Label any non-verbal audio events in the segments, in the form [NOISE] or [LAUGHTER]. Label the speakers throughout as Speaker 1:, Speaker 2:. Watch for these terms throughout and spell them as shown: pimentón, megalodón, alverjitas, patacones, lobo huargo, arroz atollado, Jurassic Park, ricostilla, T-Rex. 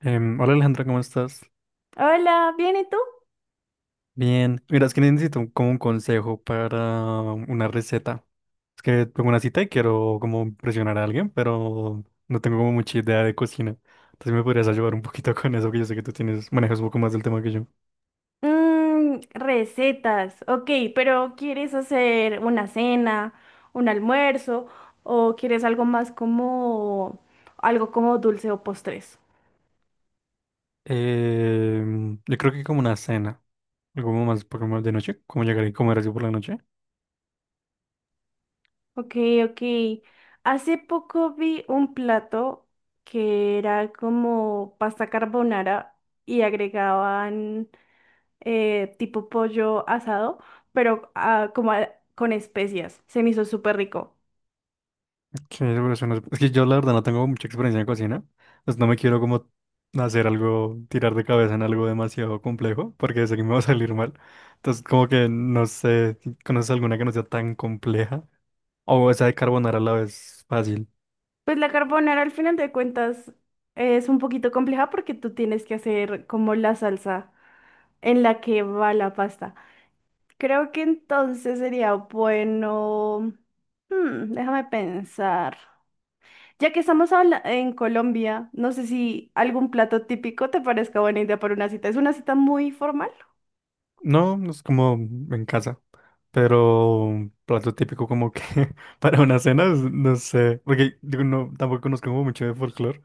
Speaker 1: Hola Alejandra, ¿cómo estás?
Speaker 2: Hola, ¿bien y tú?
Speaker 1: Bien. Mira, es que necesito como un consejo para una receta. Es que tengo una cita y quiero como impresionar a alguien, pero no tengo como mucha idea de cocina. Entonces me podrías ayudar un poquito con eso, que yo sé que tú tienes, manejas un poco más del tema que yo.
Speaker 2: Mm, recetas, ok, pero ¿quieres hacer una cena, un almuerzo o quieres algo más como algo como dulce o postres?
Speaker 1: Yo creo que como una cena, algo como más, poco más de noche, como llegar y comer así por la noche.
Speaker 2: Ok, ok. Hace poco vi un plato que era como pasta carbonara y agregaban tipo pollo asado, pero con especias. Se me hizo súper rico.
Speaker 1: Sí, por eso no es, que yo la verdad no tengo mucha experiencia en cocina, pues no me quiero como hacer algo, tirar de cabeza en algo demasiado complejo, porque sé que me va a salir mal. Entonces como que no sé, si conoces alguna que no sea tan compleja. O esa de carbonara a la vez fácil.
Speaker 2: Pues la carbonara al final de cuentas es un poquito compleja porque tú tienes que hacer como la salsa en la que va la pasta. Creo que entonces sería bueno... Hmm, déjame pensar. Ya que estamos en Colombia, no sé si algún plato típico te parezca buena idea para una cita. Es una cita muy formal.
Speaker 1: No, no es como en casa, pero un plato típico como que [LAUGHS] para una cena, no sé, porque digo, no, tampoco conozco como mucho de folclore,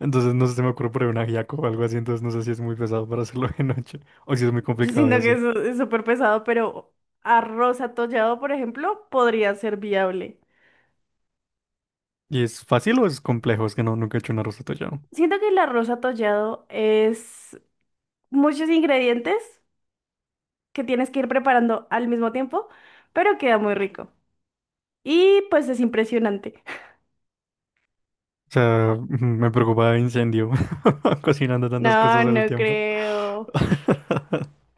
Speaker 1: entonces no sé si me ocurre por ahí un ajiaco o algo así, entonces no sé si es muy pesado para [LAUGHS] hacerlo de noche o si es muy
Speaker 2: Yo
Speaker 1: complicado de
Speaker 2: siento que
Speaker 1: hacer.
Speaker 2: eso es súper pesado, pero arroz atollado, por ejemplo, podría ser viable.
Speaker 1: ¿Y es fácil o es complejo? Es que no, nunca he hecho un arroz atollado. O
Speaker 2: Siento que el arroz atollado es muchos ingredientes que tienes que ir preparando al mismo tiempo, pero queda muy rico. Y pues es impresionante. [LAUGHS]
Speaker 1: sea, ujú, [LAUGHS] me preocupa incendio [LAUGHS] cocinando tantas
Speaker 2: No,
Speaker 1: cosas al
Speaker 2: no
Speaker 1: tiempo.
Speaker 2: creo.
Speaker 1: [LAUGHS]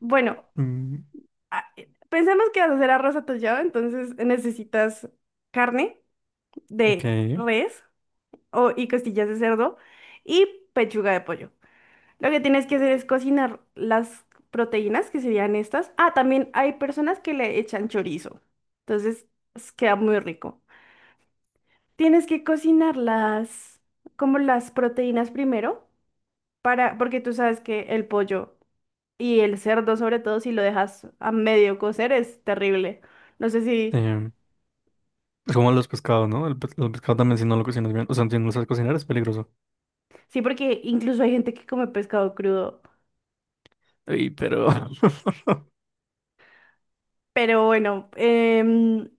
Speaker 2: Bueno,
Speaker 1: Mm.
Speaker 2: a- pensemos que vas a hacer arroz atollado, entonces necesitas carne
Speaker 1: Ok.
Speaker 2: de res o, y costillas de cerdo y pechuga de pollo. Lo que tienes que hacer es cocinar las proteínas, que serían estas. Ah, también hay personas que le echan chorizo. Entonces, pues, queda muy rico. Tienes que cocinar las, como las proteínas primero, para, porque tú sabes que el pollo y el cerdo, sobre todo, si lo dejas a medio cocer, es terrible. No sé si,
Speaker 1: em, Es como los pescados, ¿no? El, los pescados también si no lo cocinas bien, o sea, si no lo sabes cocinar es peligroso.
Speaker 2: sí, porque incluso hay gente que come pescado crudo.
Speaker 1: Ey, pero... [LAUGHS]
Speaker 2: Pero bueno,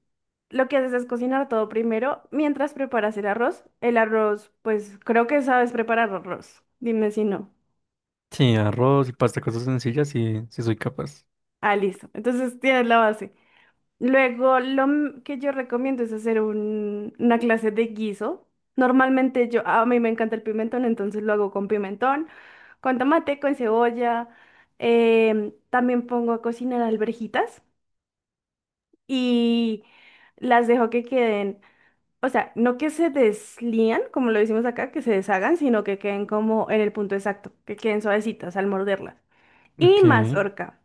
Speaker 2: lo que haces es cocinar todo primero mientras preparas el arroz. El arroz, pues creo que sabes preparar arroz. Dime si no.
Speaker 1: Sí, arroz y pasta, cosas sencillas, sí, sí soy capaz.
Speaker 2: Ah, listo. Entonces tienes la base. Luego, que yo recomiendo es hacer una clase de guiso. Normalmente yo, a mí me encanta el pimentón, entonces lo hago con pimentón, con tomate, con cebolla. También pongo a cocinar alverjitas y las dejo que queden. O sea, no que se deslían, como lo decimos acá, que se deshagan, sino que queden como en el punto exacto, que queden suavecitas al morderlas. Y
Speaker 1: Ok,
Speaker 2: mazorca.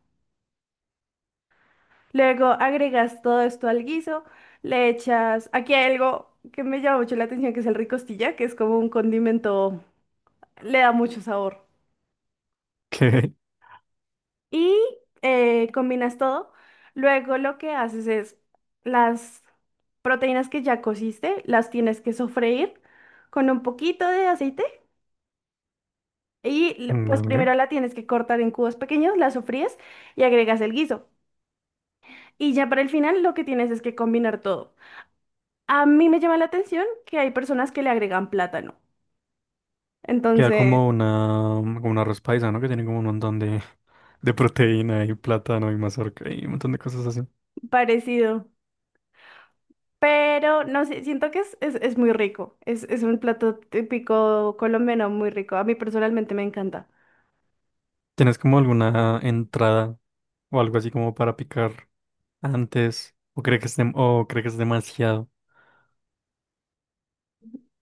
Speaker 2: Luego agregas todo esto al guiso, le echas, aquí hay algo que me llama mucho la atención, que es el ricostilla, que es como un condimento, le da mucho sabor.
Speaker 1: ok,
Speaker 2: Y combinas todo. Luego lo que haces es las proteínas que ya cociste, las tienes que sofreír con un poquito de aceite. Pues
Speaker 1: vale.
Speaker 2: primero la tienes que cortar en cubos pequeños, la sofríes y agregas el guiso. Y ya para el final lo que tienes es que combinar todo. A mí me llama la atención que hay personas que le agregan plátano.
Speaker 1: Queda
Speaker 2: Entonces,
Speaker 1: como una, como un arroz paisa, ¿no? Que tiene como un montón de
Speaker 2: sí.
Speaker 1: proteína y plátano y mazorca y un montón de cosas así.
Speaker 2: Parecido. Pero no sé, siento que es muy rico. Es un plato típico colombiano muy rico. A mí personalmente me encanta.
Speaker 1: ¿Tienes como alguna entrada o algo así como para picar antes? ¿O crees que es, o cree que es demasiado?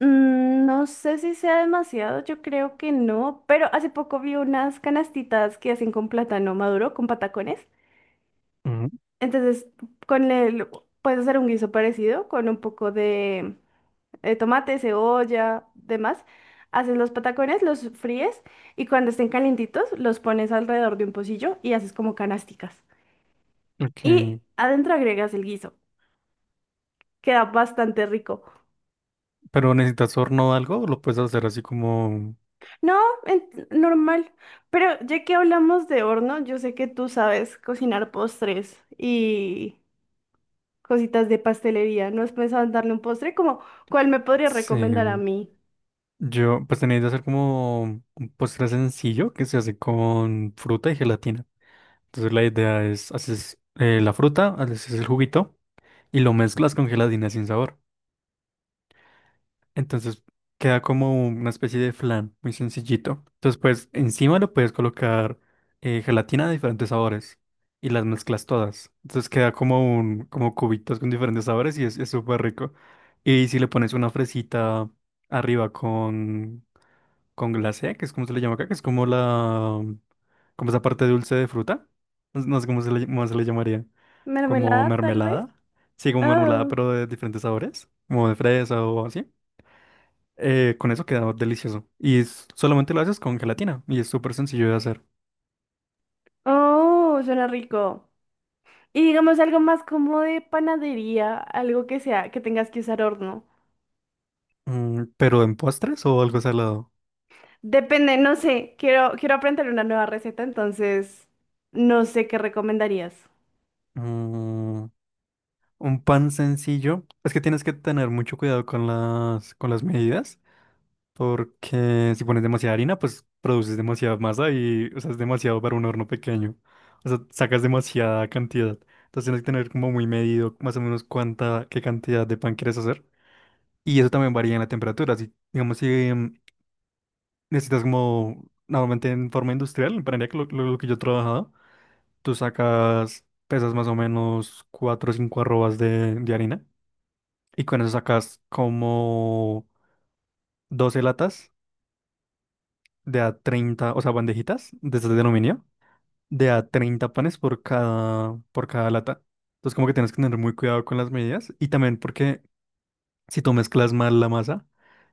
Speaker 2: Mm, no sé si sea demasiado, yo creo que no, pero hace poco vi unas canastitas que hacen con plátano maduro, con patacones.
Speaker 1: Ujú.
Speaker 2: Entonces, con el, puedes hacer un guiso parecido con un poco de, tomate, cebolla, demás. Haces los patacones, los fríes y cuando estén calientitos los pones alrededor de un pocillo y haces como canasticas.
Speaker 1: Ok.
Speaker 2: Y adentro agregas el guiso. Queda bastante rico.
Speaker 1: Pero necesitas horno o algo, o lo puedes hacer así como.
Speaker 2: No, normal. Pero ya que hablamos de horno, yo sé que tú sabes cocinar postres y cositas de pastelería. ¿No has pensado en darle un postre? Como, ¿cuál me podría recomendar a
Speaker 1: Sí.
Speaker 2: mí?
Speaker 1: Yo, pues tenéis que hacer como un postre sencillo que se hace con fruta y gelatina. Entonces la idea es, haces la fruta, haces el juguito y lo mezclas con gelatina sin sabor. Entonces queda como una especie de flan muy sencillito. Entonces, pues encima lo puedes colocar gelatina de diferentes sabores y las mezclas todas. Entonces queda como un, como cubitos con diferentes sabores y es súper rico. Y si le pones una fresita arriba con glacé, que es como se le llama acá, que es como la, como esa parte dulce de fruta. No, no sé cómo se le llamaría. Como
Speaker 2: ¿Mermelada, tal vez?
Speaker 1: mermelada. Sí, como mermelada,
Speaker 2: Oh,
Speaker 1: pero de diferentes sabores. Como de fresa o así. Con eso queda delicioso. Y solamente lo haces con gelatina y es súper sencillo de hacer.
Speaker 2: oh, suena rico. Y digamos algo más como de panadería, algo que sea, que tengas que usar horno.
Speaker 1: Pero en postres o algo salado.
Speaker 2: Depende, no sé, quiero, quiero aprender una nueva receta, entonces no sé qué recomendarías.
Speaker 1: Mm, un pan sencillo. Es que tienes que tener mucho cuidado con las medidas. Porque si pones demasiada harina, pues produces demasiada masa y o sea, es demasiado para un horno pequeño. O sea, sacas demasiada cantidad. Entonces tienes que tener como muy medido más o menos cuánta, qué cantidad de pan quieres hacer. Y eso también varía en la temperatura. Si, digamos, si necesitas como, normalmente en forma industrial, me para que lo, lo que yo he trabajado, tú sacas, pesas más o menos 4 o 5 arrobas de harina y con eso sacas como 12 latas de a 30, o sea, bandejitas de estas de aluminio, de a 30 panes por cada lata. Entonces como que tienes que tener muy cuidado con las medidas y también porque si tú mezclas mal la masa,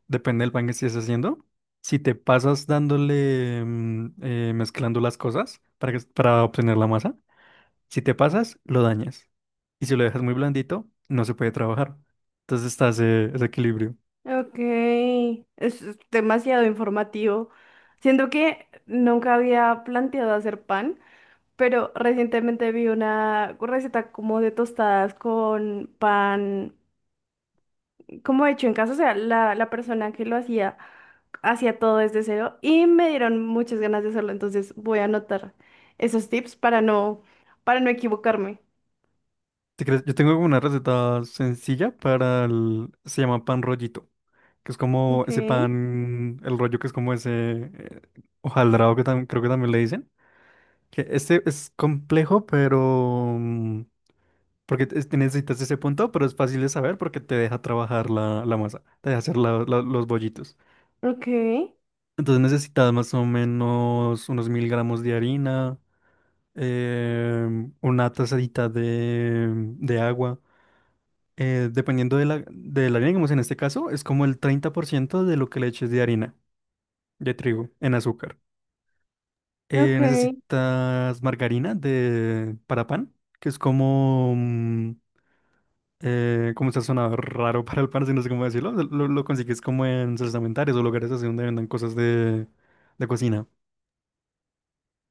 Speaker 1: depende del pan que estés haciendo. Si te pasas dándole, mezclando las cosas para, para obtener la masa, si te pasas, lo dañas. Y si lo dejas muy blandito, no se puede trabajar. Entonces está ese, ese equilibrio.
Speaker 2: Ok, es demasiado informativo. Siento que nunca había planteado hacer pan, pero recientemente vi una receta como de tostadas con pan como hecho en casa, o sea, la persona que lo hacía hacía todo desde cero y me dieron muchas ganas de hacerlo, entonces voy a anotar esos tips para no equivocarme.
Speaker 1: Si quieres, yo tengo una receta sencilla para el... Se llama pan rollito, que es como
Speaker 2: Ok,
Speaker 1: ese pan, el rollo que es como ese eh, hojaldrado que creo que también le dicen. Que este es complejo, pero... mm, porque te necesitas ese punto, pero es fácil de saber porque te deja trabajar la, la masa, te deja hacer los bollitos.
Speaker 2: ok,
Speaker 1: Entonces necesitas más o menos unos 1000 gramos de harina, eh, una tazadita de agua. Dependiendo de la harina, digamos en este caso, es como el 30% de lo que le eches de harina, de trigo, en azúcar.
Speaker 2: ok,
Speaker 1: Necesitas margarina de, para pan, que es como... Como se ha sonado raro para el parce, no sé cómo decirlo. Lo consigues como en salsamentarias o lugares así donde vendan cosas de cocina.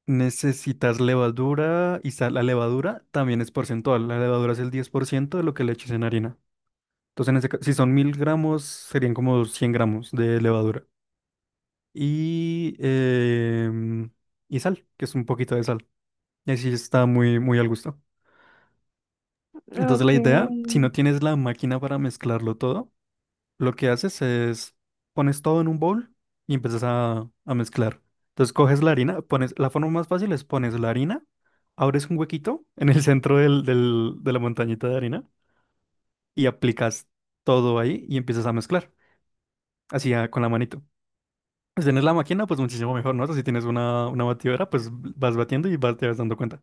Speaker 1: Necesitas levadura y sal. La levadura también es porcentual. La levadura es el 10% de lo que le eches en harina. Entonces, en ese si son 1000 gramos, serían como 100 gramos de levadura. Y, y sal, que es un poquito de sal. Y así está muy, muy al gusto. Entonces,
Speaker 2: ok,
Speaker 1: la idea, si no tienes la máquina para mezclarlo todo, lo que haces es pones todo en un bowl y empiezas a mezclar. Entonces coges la harina, pones, la forma más fácil es pones la harina, abres un huequito [LAUGHS] en el centro del, de la montañita de harina y aplicas todo ahí y empiezas a mezclar, así con la manito. Si tienes la máquina, pues muchísimo mejor, ¿no? O sea, si tienes una batidora, pues vas batiendo y vas, te vas dando cuenta.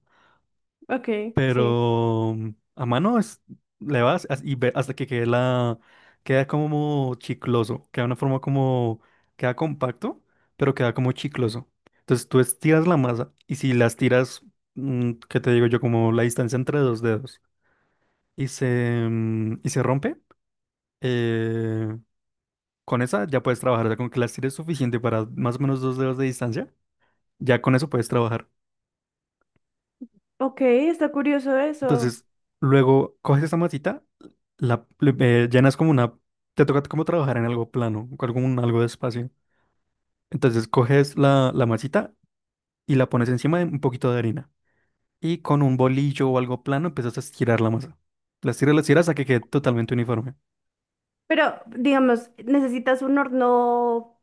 Speaker 2: ok, sí.
Speaker 1: Pero a mano es, y ve hasta que quede la, queda como chicloso, queda una forma como, queda compacto, pero queda como chicloso. Entonces tú estiras la masa y si las tiras, ¿qué te digo yo? Como la distancia entre dos dedos y se, y se rompe, eh, con esa ya puedes trabajar, o sea, con que las tires suficiente para más o menos dos dedos de distancia, ya con eso puedes trabajar.
Speaker 2: Ok, está curioso eso.
Speaker 1: Entonces, luego coges esa masita, llenas como una... Te toca como trabajar en algo plano, con algún, algo de espacio. Entonces, coges la, la masita y la pones encima de un poquito de harina. Y con un bolillo o algo plano empiezas a estirar la masa. La estiras hasta que quede totalmente uniforme.
Speaker 2: Pero, digamos, ¿necesitas un horno,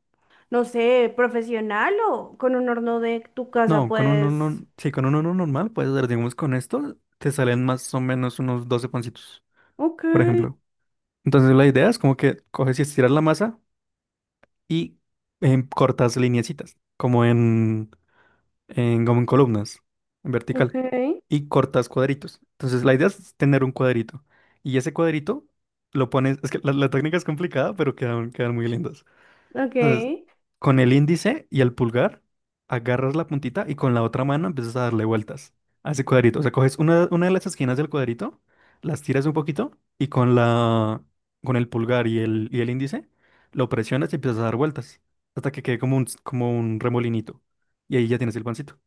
Speaker 2: no sé, profesional o con un horno de tu casa
Speaker 1: No, con un
Speaker 2: puedes...
Speaker 1: horno, sí, con un horno normal puedes hacer, digamos, con esto te salen más o menos unos 12 pancitos,
Speaker 2: Ok,
Speaker 1: por ejemplo. Entonces, la idea es como que coges y estiras la masa y cortas lineecitas, como en, como en columnas, en
Speaker 2: ok,
Speaker 1: vertical, y cortas cuadritos. Entonces la idea es tener un cuadrito. Y ese cuadrito lo pones, es que la técnica es complicada, pero quedan, quedan muy lindas.
Speaker 2: ok.
Speaker 1: Entonces, con el índice y el pulgar, agarras la puntita y con la otra mano empiezas a darle vueltas a ese cuadrito. O sea, coges una de las esquinas del cuadrito, las tiras un poquito y con la, con el pulgar y el índice lo presionas y empiezas a dar vueltas hasta que quede como un remolinito. Y ahí ya tienes el pancito.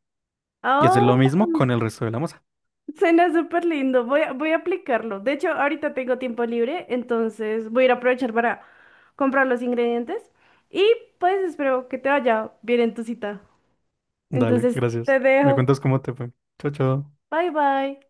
Speaker 1: Y hacer lo mismo
Speaker 2: Oh.
Speaker 1: con el resto de la masa.
Speaker 2: Suena súper lindo, voy a aplicarlo. De hecho, ahorita tengo tiempo libre, entonces voy a ir a aprovechar para comprar los ingredientes y pues espero que te vaya bien en tu cita.
Speaker 1: Dale,
Speaker 2: Entonces,
Speaker 1: gracias.
Speaker 2: te
Speaker 1: Me
Speaker 2: dejo.
Speaker 1: cuentas cómo te fue. Chao, chao.
Speaker 2: Bye bye.